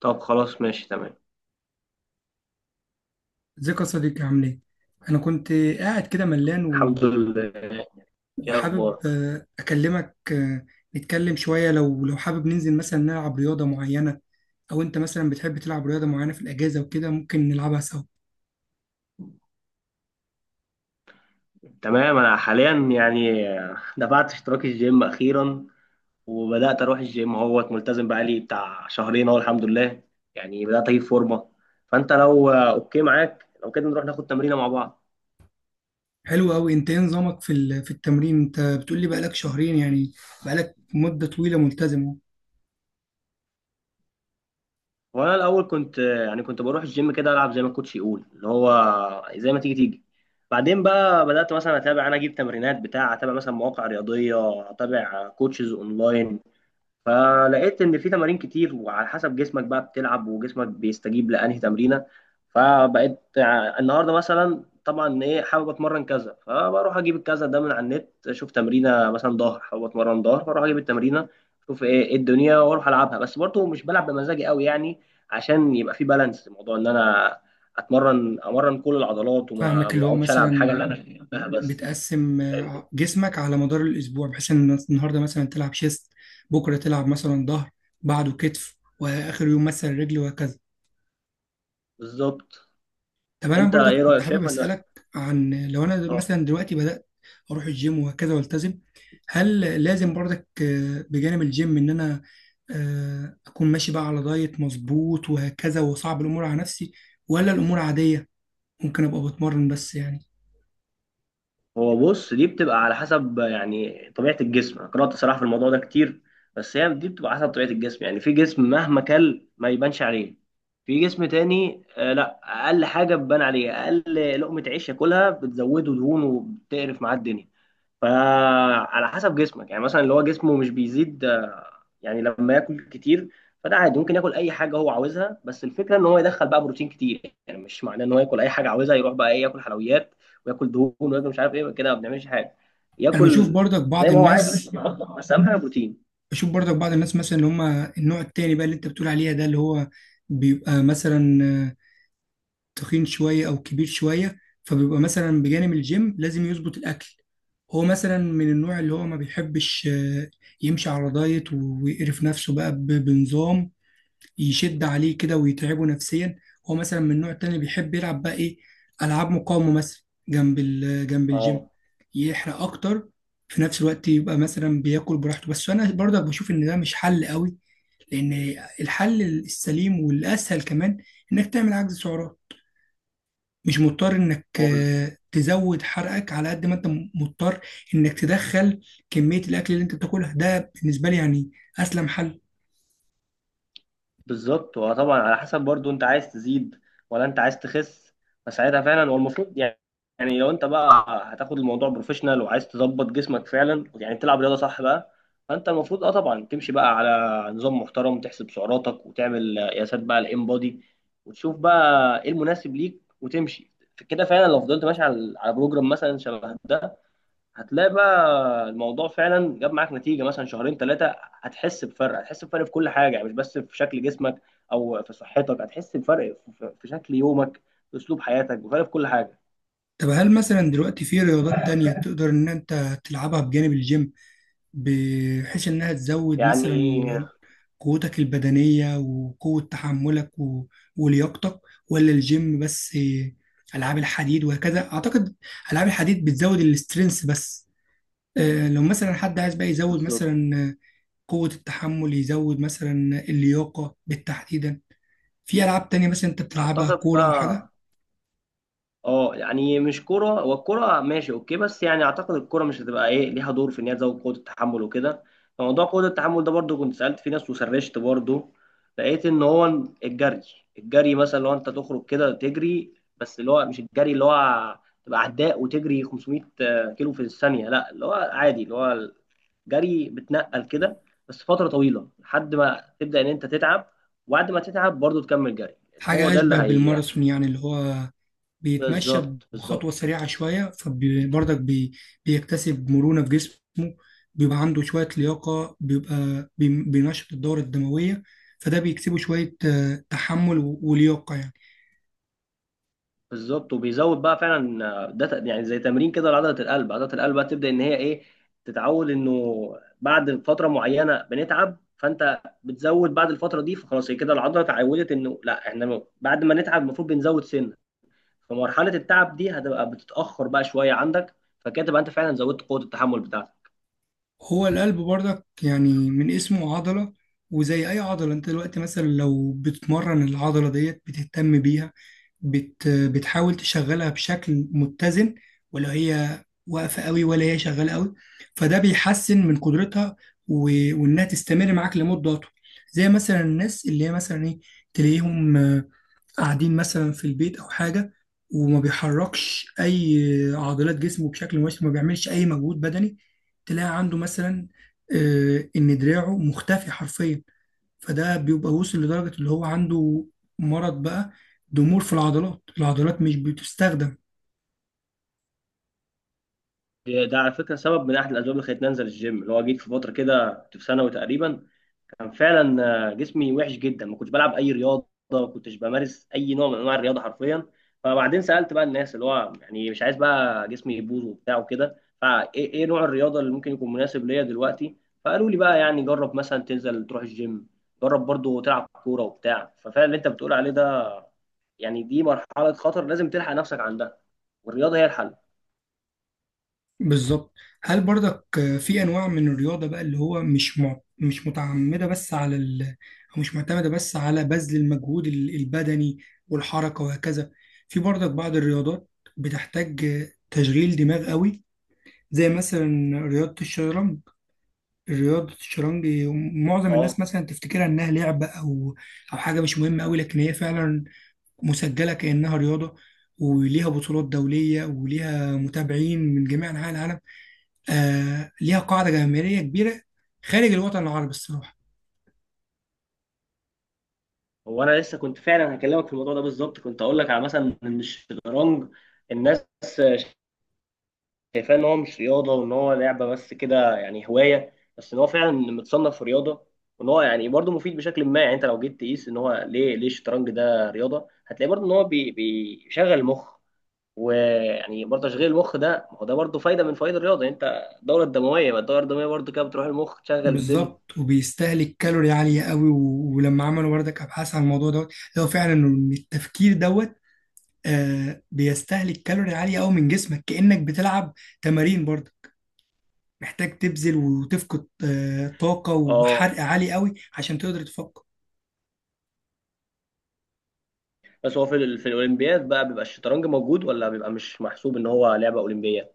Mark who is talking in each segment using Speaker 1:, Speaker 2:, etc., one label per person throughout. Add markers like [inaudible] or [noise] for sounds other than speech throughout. Speaker 1: طب خلاص ماشي تمام.
Speaker 2: ازيك يا صديقي، عامل ايه؟ انا كنت قاعد كده ملان
Speaker 1: الحمد لله. ايه
Speaker 2: وحابب
Speaker 1: اخبارك؟
Speaker 2: اكلمك، نتكلم شوية. لو حابب ننزل مثلا نلعب رياضة معينة، او انت مثلا بتحب تلعب رياضة معينة في الاجازة وكده ممكن نلعبها سوا.
Speaker 1: تمام، انا حاليا يعني دفعت اشتراك الجيم اخيرا، وبدات اروح الجيم اهوت ملتزم بقالي بتاع شهرين اهو، الحمد لله. يعني بدات اجيب فورمه، فانت لو اوكي معاك لو كده نروح ناخد تمرينه مع بعض.
Speaker 2: حلو قوي. انت ايه نظامك في في التمرين؟ انت بتقول لي بقالك شهرين، يعني بقالك مدة طويلة ملتزم.
Speaker 1: وانا الاول كنت بروح الجيم كده العب زي ما الكوتش يقول، اللي هو زي ما تيجي تيجي. بعدين بقى بدات مثلا اتابع، انا اجيب تمرينات بتاع، اتابع مثلا مواقع رياضيه، اتابع كوتشز اونلاين. فلقيت ان في تمارين كتير، وعلى حسب جسمك بقى بتلعب، وجسمك بيستجيب لانهي تمرينه. فبقيت النهارده مثلا طبعا ايه حابب اتمرن كذا، فبروح اجيب الكذا ده من على النت، اشوف تمرينه، مثلا ظهر حابب اتمرن ظهر، فاروح اجيب التمرينه اشوف إيه الدنيا واروح العبها. بس برضه مش بلعب بمزاجي قوي يعني، عشان يبقى في بالانس، موضوع ان انا امرن كل العضلات، وما
Speaker 2: فاهمك،
Speaker 1: ما
Speaker 2: اللي هو
Speaker 1: اقعدش العب الحاجه اللي
Speaker 2: مثلا
Speaker 1: انا بحبها بس.
Speaker 2: بتقسم جسمك على مدار الأسبوع بحيث إن النهاردة مثلا تلعب شيست، بكرة تلعب مثلا ظهر، بعده كتف، وآخر يوم مثلا رجل، وهكذا.
Speaker 1: بالظبط.
Speaker 2: طب أنا
Speaker 1: انت
Speaker 2: برضك
Speaker 1: ايه
Speaker 2: كنت
Speaker 1: رايك؟
Speaker 2: حابب
Speaker 1: شايف ان
Speaker 2: أسألك، عن لو أنا
Speaker 1: اه
Speaker 2: مثلا دلوقتي بدأت أروح الجيم وهكذا والتزم، هل لازم برضك بجانب الجيم إن أنا أكون ماشي بقى على دايت مظبوط وهكذا وصعب الأمور على نفسي، ولا الأمور عادية ممكن أبقى بتمرن بس يعني؟
Speaker 1: هو بص، دي بتبقى على حسب يعني طبيعة الجسم. أنا قرأت صراحة في الموضوع ده كتير، بس هي دي بتبقى حسب طبيعة الجسم. يعني في جسم مهما كل ما يبانش عليه، في جسم تاني آه لا، أقل حاجة بتبان عليه، أقل لقمة عيش ياكلها بتزوده دهون وبتقرف معاه الدنيا. فعلى حسب جسمك، يعني مثلا اللي هو جسمه مش بيزيد، يعني لما ياكل كتير، فده عادي، ممكن ياكل اي حاجه هو عاوزها. بس الفكره ان هو يدخل بقى بروتين كتير، يعني مش معناه ان هو ياكل اي حاجه عاوزها، يروح بقى ايه ياكل حلويات وياكل دهون وياكل مش عارف ايه كده، ما بنعملش حاجه.
Speaker 2: أنا بشوف
Speaker 1: ياكل
Speaker 2: برضك
Speaker 1: زي
Speaker 2: بعض
Speaker 1: ما هو عايز ماشي،
Speaker 2: الناس
Speaker 1: بس اهم حاجه بروتين.
Speaker 2: بشوف برضك بعض الناس مثلا اللي هم النوع التاني بقى اللي انت بتقول عليها، ده اللي هو بيبقى مثلا تخين شوية او كبير شوية، فبيبقى مثلا بجانب الجيم لازم يظبط الاكل. هو مثلا من النوع اللي هو ما بيحبش يمشي على دايت ويقرف نفسه بقى بنظام يشد عليه كده ويتعبه نفسيا. هو مثلا من النوع التاني اللي بيحب يلعب بقى ايه، العاب مقاومه مثلا، جنب جنب الجيم
Speaker 1: اه
Speaker 2: يحرق اكتر، في نفس الوقت يبقى مثلا بياكل براحته. بس انا برضك بشوف ان ده مش حل قوي، لان الحل السليم والاسهل كمان انك تعمل عجز سعرات. مش مضطر انك
Speaker 1: هو.
Speaker 2: تزود حرقك على قد ما انت مضطر انك تدخل كميه الاكل اللي انت بتاكلها، ده بالنسبه لي يعني اسلم حل.
Speaker 1: بالظبط، وطبعا على حسب برضو انت عايز تزيد ولا انت عايز تخس، فساعتها فعلا هو المفروض يعني، يعني لو انت بقى هتاخد الموضوع بروفيشنال وعايز تظبط جسمك فعلا، يعني تلعب رياضه صح بقى، فانت المفروض اه طبعا تمشي بقى على نظام محترم، تحسب سعراتك وتعمل قياسات بقى الام بودي، وتشوف بقى ايه المناسب ليك وتمشي كده فعلا. لو فضلت ماشي على بروجرام مثلا شبه ده، هتلاقي بقى الموضوع فعلا جاب معاك نتيجه، مثلا شهرين ثلاثه هتحس بفرق، هتحس بفرق في كل حاجه، يعني مش بس في شكل جسمك او في صحتك، هتحس بفرق في شكل يومك، في اسلوب حياتك، بفرق في كل حاجه
Speaker 2: طب هل مثلا دلوقتي في رياضات تانية تقدر إن أنت تلعبها بجانب الجيم، بحيث إنها تزود
Speaker 1: يعني.
Speaker 2: مثلا قوتك البدنية وقوة تحملك ولياقتك، ولا الجيم بس؟ ألعاب الحديد وهكذا، أعتقد ألعاب الحديد بتزود الاسترينث بس. لو مثلا حد عايز بقى يزود
Speaker 1: بالظبط.
Speaker 2: مثلا قوة التحمل، يزود مثلا اللياقة بالتحديدا، في ألعاب تانية مثلا أنت بتلعبها؟
Speaker 1: اعتقد
Speaker 2: كورة أو حاجة؟
Speaker 1: بقى اه، يعني مش كرة، هو الكرة ماشي اوكي، بس يعني اعتقد الكرة مش هتبقى ايه ليها دور في ان هي تزود قوة التحمل وكده. فموضوع قوة التحمل ده برضو كنت سألت في ناس وسرشت برضو، لقيت ان هو الجري. الجري مثلا لو انت تخرج كده تجري، بس اللي هو مش الجري اللي هو تبقى عداء وتجري 500 كيلو في الثانية، لا اللي هو عادي، اللي هو الجري بتنقل كده بس فترة طويلة لحد ما تبدأ ان انت تتعب، وبعد ما تتعب برضو تكمل جري لان هو
Speaker 2: حاجة
Speaker 1: ده اللي
Speaker 2: أشبه
Speaker 1: هي.
Speaker 2: بالماراثون، يعني اللي هو بيتمشى
Speaker 1: بالظبط، بالظبط.
Speaker 2: بخطوة سريعة شوية، فبرضك بيكتسب مرونة في جسمه، بيبقى عنده شوية لياقة، بيبقى بينشط الدورة الدموية، فده بيكسبه شوية تحمل ولياقة يعني.
Speaker 1: بالظبط، وبيزود بقى فعلا، ده يعني زي تمرين كده لعضله القلب. عضله القلب بقى تبدا ان هي ايه تتعود انه بعد فتره معينه بنتعب، فانت بتزود بعد الفتره دي، فخلاص هي كده العضله اتعودت انه لا احنا بعد ما نتعب المفروض بنزود سنه. فمرحله التعب دي هتبقى بتتاخر بقى شويه عندك، فكده تبقى انت فعلا زودت قوه التحمل بتاعتك.
Speaker 2: هو القلب برضك يعني من اسمه عضلة، وزي أي عضلة أنت دلوقتي مثلا لو بتمرن العضلة ديت بتهتم بيها، بتحاول تشغلها بشكل متزن، ولا هي واقفة قوي ولا هي شغالة قوي، فده بيحسن من قدرتها وإنها تستمر معاك لمدة أطول. زي مثلا الناس اللي هي مثلا إيه، تلاقيهم قاعدين مثلا في البيت او حاجه، وما بيحركش اي عضلات جسمه بشكل مباشر، ما بيعملش اي مجهود بدني، تلاقي عنده مثلا ان دراعه مختفي حرفيا، فده بيبقى وصل لدرجه اللي هو عنده مرض بقى، ضمور في العضلات. العضلات مش بتستخدم.
Speaker 1: ده على فكره سبب من احد الاسباب اللي خلتني انزل الجيم، اللي هو جيت في فتره كده، كنت في ثانوي تقريبا، كان فعلا جسمي وحش جدا. ما كنتش بلعب اي رياضه، ما كنتش بمارس اي نوع من انواع الرياضه حرفيا. فبعدين سالت بقى الناس، اللي هو يعني مش عايز بقى جسمي يبوظ وبتاع وكده، فايه إيه نوع الرياضه اللي ممكن يكون مناسب ليا دلوقتي. فقالوا لي بقى يعني جرب مثلا تنزل تروح الجيم، جرب برضو تلعب كوره وبتاع. ففعلا اللي انت بتقول عليه ده، يعني دي مرحله خطر لازم تلحق نفسك عندها، والرياضه هي الحل.
Speaker 2: بالظبط. هل برضك في انواع من الرياضه بقى اللي هو مش مش متعمده بس على او مش معتمده بس على بذل المجهود البدني والحركه وهكذا؟ في برضك بعض الرياضات بتحتاج تشغيل دماغ قوي، زي مثلا رياضه الشطرنج. رياضه الشطرنج معظم
Speaker 1: اه
Speaker 2: الناس مثلا تفتكرها انها لعبه، او حاجه مش مهمه قوي، لكن هي فعلا مسجله كانها رياضه، وليها بطولات دوليه، وليها متابعين من جميع انحاء العالم. آه، ليها قاعدة جماهيرية كبيرة خارج الوطن العربي الصراحة.
Speaker 1: هو انا لسه كنت فعلا هكلمك في الموضوع ده بالظبط، كنت اقول لك على مثلا ان الشطرنج، الناس شايفاه ان هو مش رياضه وان هو لعبه بس كده يعني هوايه. بس ان هو فعلا متصنف في رياضه، وان هو يعني برضه مفيد بشكل ما. يعني انت لو جيت تقيس ان هو ليه الشطرنج ده رياضه، هتلاقي برضه ان هو بيشغل المخ، ويعني برضه تشغيل المخ ده ما هو ده برضه فايده من فوائد الرياضه. يعني انت الدوره الدمويه، ما الدوره الدمويه برضه كده بتروح المخ تشغل الدنيا.
Speaker 2: بالظبط، وبيستهلك كالوري عالية قوي ولما عملوا بردك أبحاث عن الموضوع دوت، لو فعلا إن التفكير دوت بيستهلك كالوري عالية قوي من جسمك، كأنك بتلعب تمارين برضه، محتاج تبذل وتفقد طاقة وحرق
Speaker 1: اه.
Speaker 2: عالي قوي عشان تقدر تفكر.
Speaker 1: بس هو في في الاولمبياد بقى بيبقى الشطرنج موجود ولا بيبقى مش محسوب ان هو لعبه اولمبيه؟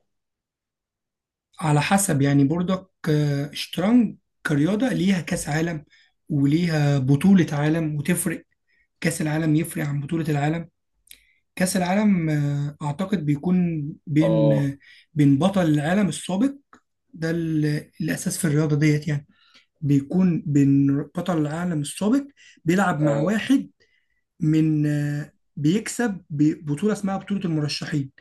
Speaker 2: على حسب يعني بردك، الشطرنج كرياضة ليها كأس عالم وليها بطولة عالم، وتفرق. كأس العالم يفرق عن بطولة العالم. كأس العالم أعتقد بيكون بين
Speaker 1: اه،
Speaker 2: بين بطل العالم السابق. ده الأساس في الرياضة ديت يعني. بيكون بين بطل العالم السابق بيلعب مع
Speaker 1: اه،
Speaker 2: واحد من بيكسب ببطولة اسمها بطولة المرشحين،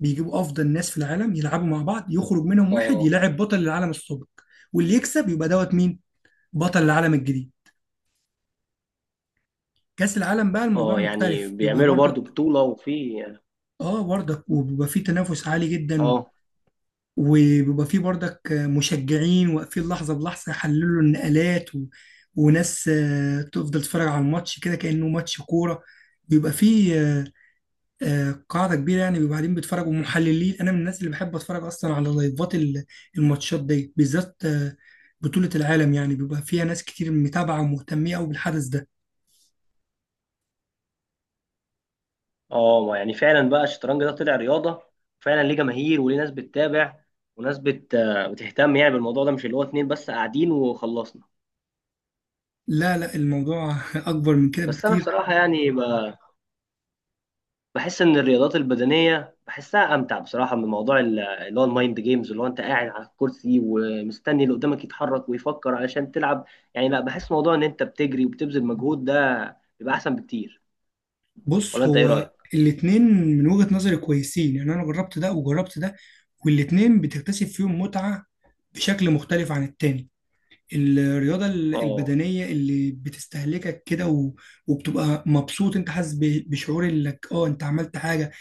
Speaker 2: بيجيبوا أفضل ناس في العالم يلعبوا مع بعض، يخرج منهم واحد
Speaker 1: اه.
Speaker 2: يلاعب بطل العالم السابق، واللي يكسب يبقى دوت مين؟ بطل العالم الجديد. كأس العالم بقى الموضوع
Speaker 1: اه يعني
Speaker 2: مختلف، بيبقى
Speaker 1: بيعملوا برضو
Speaker 2: برضك
Speaker 1: بطولة وفي.
Speaker 2: اه برضك وبيبقى فيه تنافس عالي جدا،
Speaker 1: اه،
Speaker 2: وبيبقى فيه برضك مشجعين واقفين لحظة بلحظة يحللوا النقلات وناس تفضل تتفرج على الماتش كده كأنه ماتش كورة. بيبقى فيه قاعدة كبيرة يعني، بيبقى قاعدين بيتفرجوا محللين. أنا من الناس اللي بحب أتفرج أصلا على لايفات الماتشات دي بالذات. بطولة العالم يعني بيبقى فيها ناس كتير متابعة ومهتمية أوي بالحدث ده.
Speaker 1: اه. ما يعني فعلا بقى الشطرنج ده طلع رياضه فعلا، ليه جماهير وليه ناس بتتابع، وناس بتهتم يعني بالموضوع ده، مش اللي هو اتنين بس قاعدين وخلصنا.
Speaker 2: لا لا، الموضوع [laughs] أكبر من كده
Speaker 1: بس انا
Speaker 2: بكتير.
Speaker 1: بصراحه يعني بحس ان الرياضات البدنيه بحسها امتع بصراحه، من موضوع اللي هو المايند جيمز، اللي هو انت قاعد على الكرسي ومستني اللي قدامك يتحرك ويفكر علشان تلعب. يعني لا، بحس موضوع ان انت بتجري وبتبذل مجهود ده بيبقى احسن بكتير. ولا
Speaker 2: بص،
Speaker 1: انت ايه
Speaker 2: هو
Speaker 1: رايك؟
Speaker 2: الاتنين من وجهة نظري كويسين يعني. انا جربت ده وجربت ده، والاتنين بتكتسب فيهم متعة بشكل مختلف عن التاني. الرياضة
Speaker 1: اه.
Speaker 2: البدنية اللي بتستهلكك كده وبتبقى مبسوط، انت حاسس بشعور انك اه انت عملت حاجة،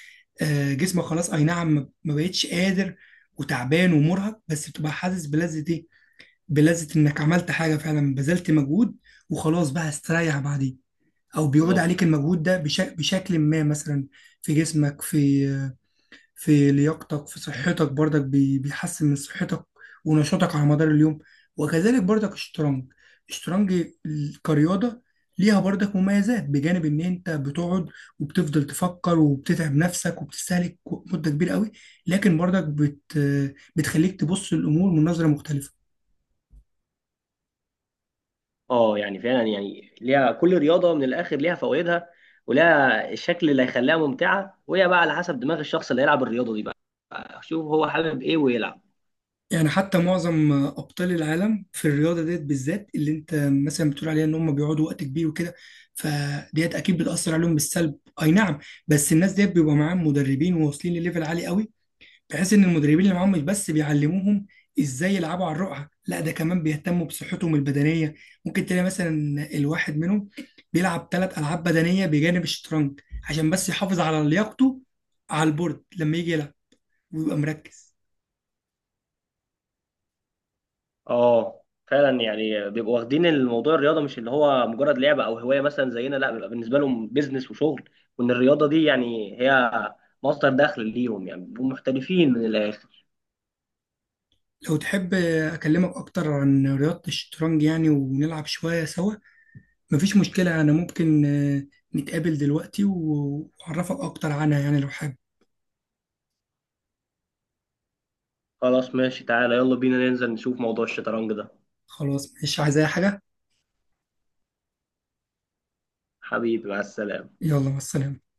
Speaker 2: جسمك خلاص اي نعم ما بقتش قادر وتعبان ومرهق، بس بتبقى حاسس بلذة ايه، بلذة انك عملت حاجة فعلا بذلت مجهود، وخلاص بقى استريح بعدين، او بيعود عليك
Speaker 1: بالظبط.
Speaker 2: المجهود ده بشكل ما مثلا في جسمك، في لياقتك، في صحتك برضك بيحسن من صحتك ونشاطك على مدار اليوم. وكذلك برضك الشطرنج. الشطرنج كرياضة ليها برضك مميزات بجانب ان انت بتقعد وبتفضل تفكر وبتتعب نفسك وبتستهلك مدة كبيرة قوي، لكن برضك بتخليك تبص للامور من نظرة مختلفة.
Speaker 1: اه يعني فعلا، يعني ليها كل رياضه من الاخر ليها فوائدها، ولها الشكل اللي هيخليها ممتعه، وهي بقى على حسب دماغ الشخص اللي هيلعب الرياضه دي بقى، شوف هو حابب ايه ويلعب.
Speaker 2: يعني حتى معظم ابطال العالم في الرياضه ديت بالذات اللي انت مثلا بتقول عليها ان هم بيقعدوا وقت كبير وكده، فديت اكيد بتاثر عليهم بالسلب، اي نعم، بس الناس ديت بيبقى معاهم مدربين وواصلين لليفل عالي قوي، بحيث ان المدربين اللي معاهم مش بس بيعلموهم ازاي يلعبوا على الرقعه، لا ده كمان بيهتموا بصحتهم البدنيه. ممكن تلاقي مثلا الواحد منهم بيلعب 3 العاب بدنيه بجانب الشطرنج عشان بس يحافظ على لياقته على البورد لما يجي يلعب ويبقى مركز.
Speaker 1: اه فعلا، يعني بيبقوا واخدين الموضوع الرياضه مش اللي هو مجرد لعبه او هوايه مثلا زينا، لا بيبقى بالنسبه لهم بيزنس وشغل، وان الرياضه دي يعني هي مصدر دخل ليهم، يعني بيبقوا محترفين من الاخر.
Speaker 2: لو تحب أكلمك أكتر عن رياضة الشطرنج يعني، ونلعب شوية سوا؟ مفيش مشكلة، أنا ممكن نتقابل دلوقتي وأعرفك أكتر عنها يعني لو حابب.
Speaker 1: خلاص ماشي، تعالى يلا بينا ننزل نشوف موضوع الشطرنج ده.
Speaker 2: خلاص، مش عايز أي حاجة.
Speaker 1: حبيبي مع السلامه.
Speaker 2: يلا مع السلامة.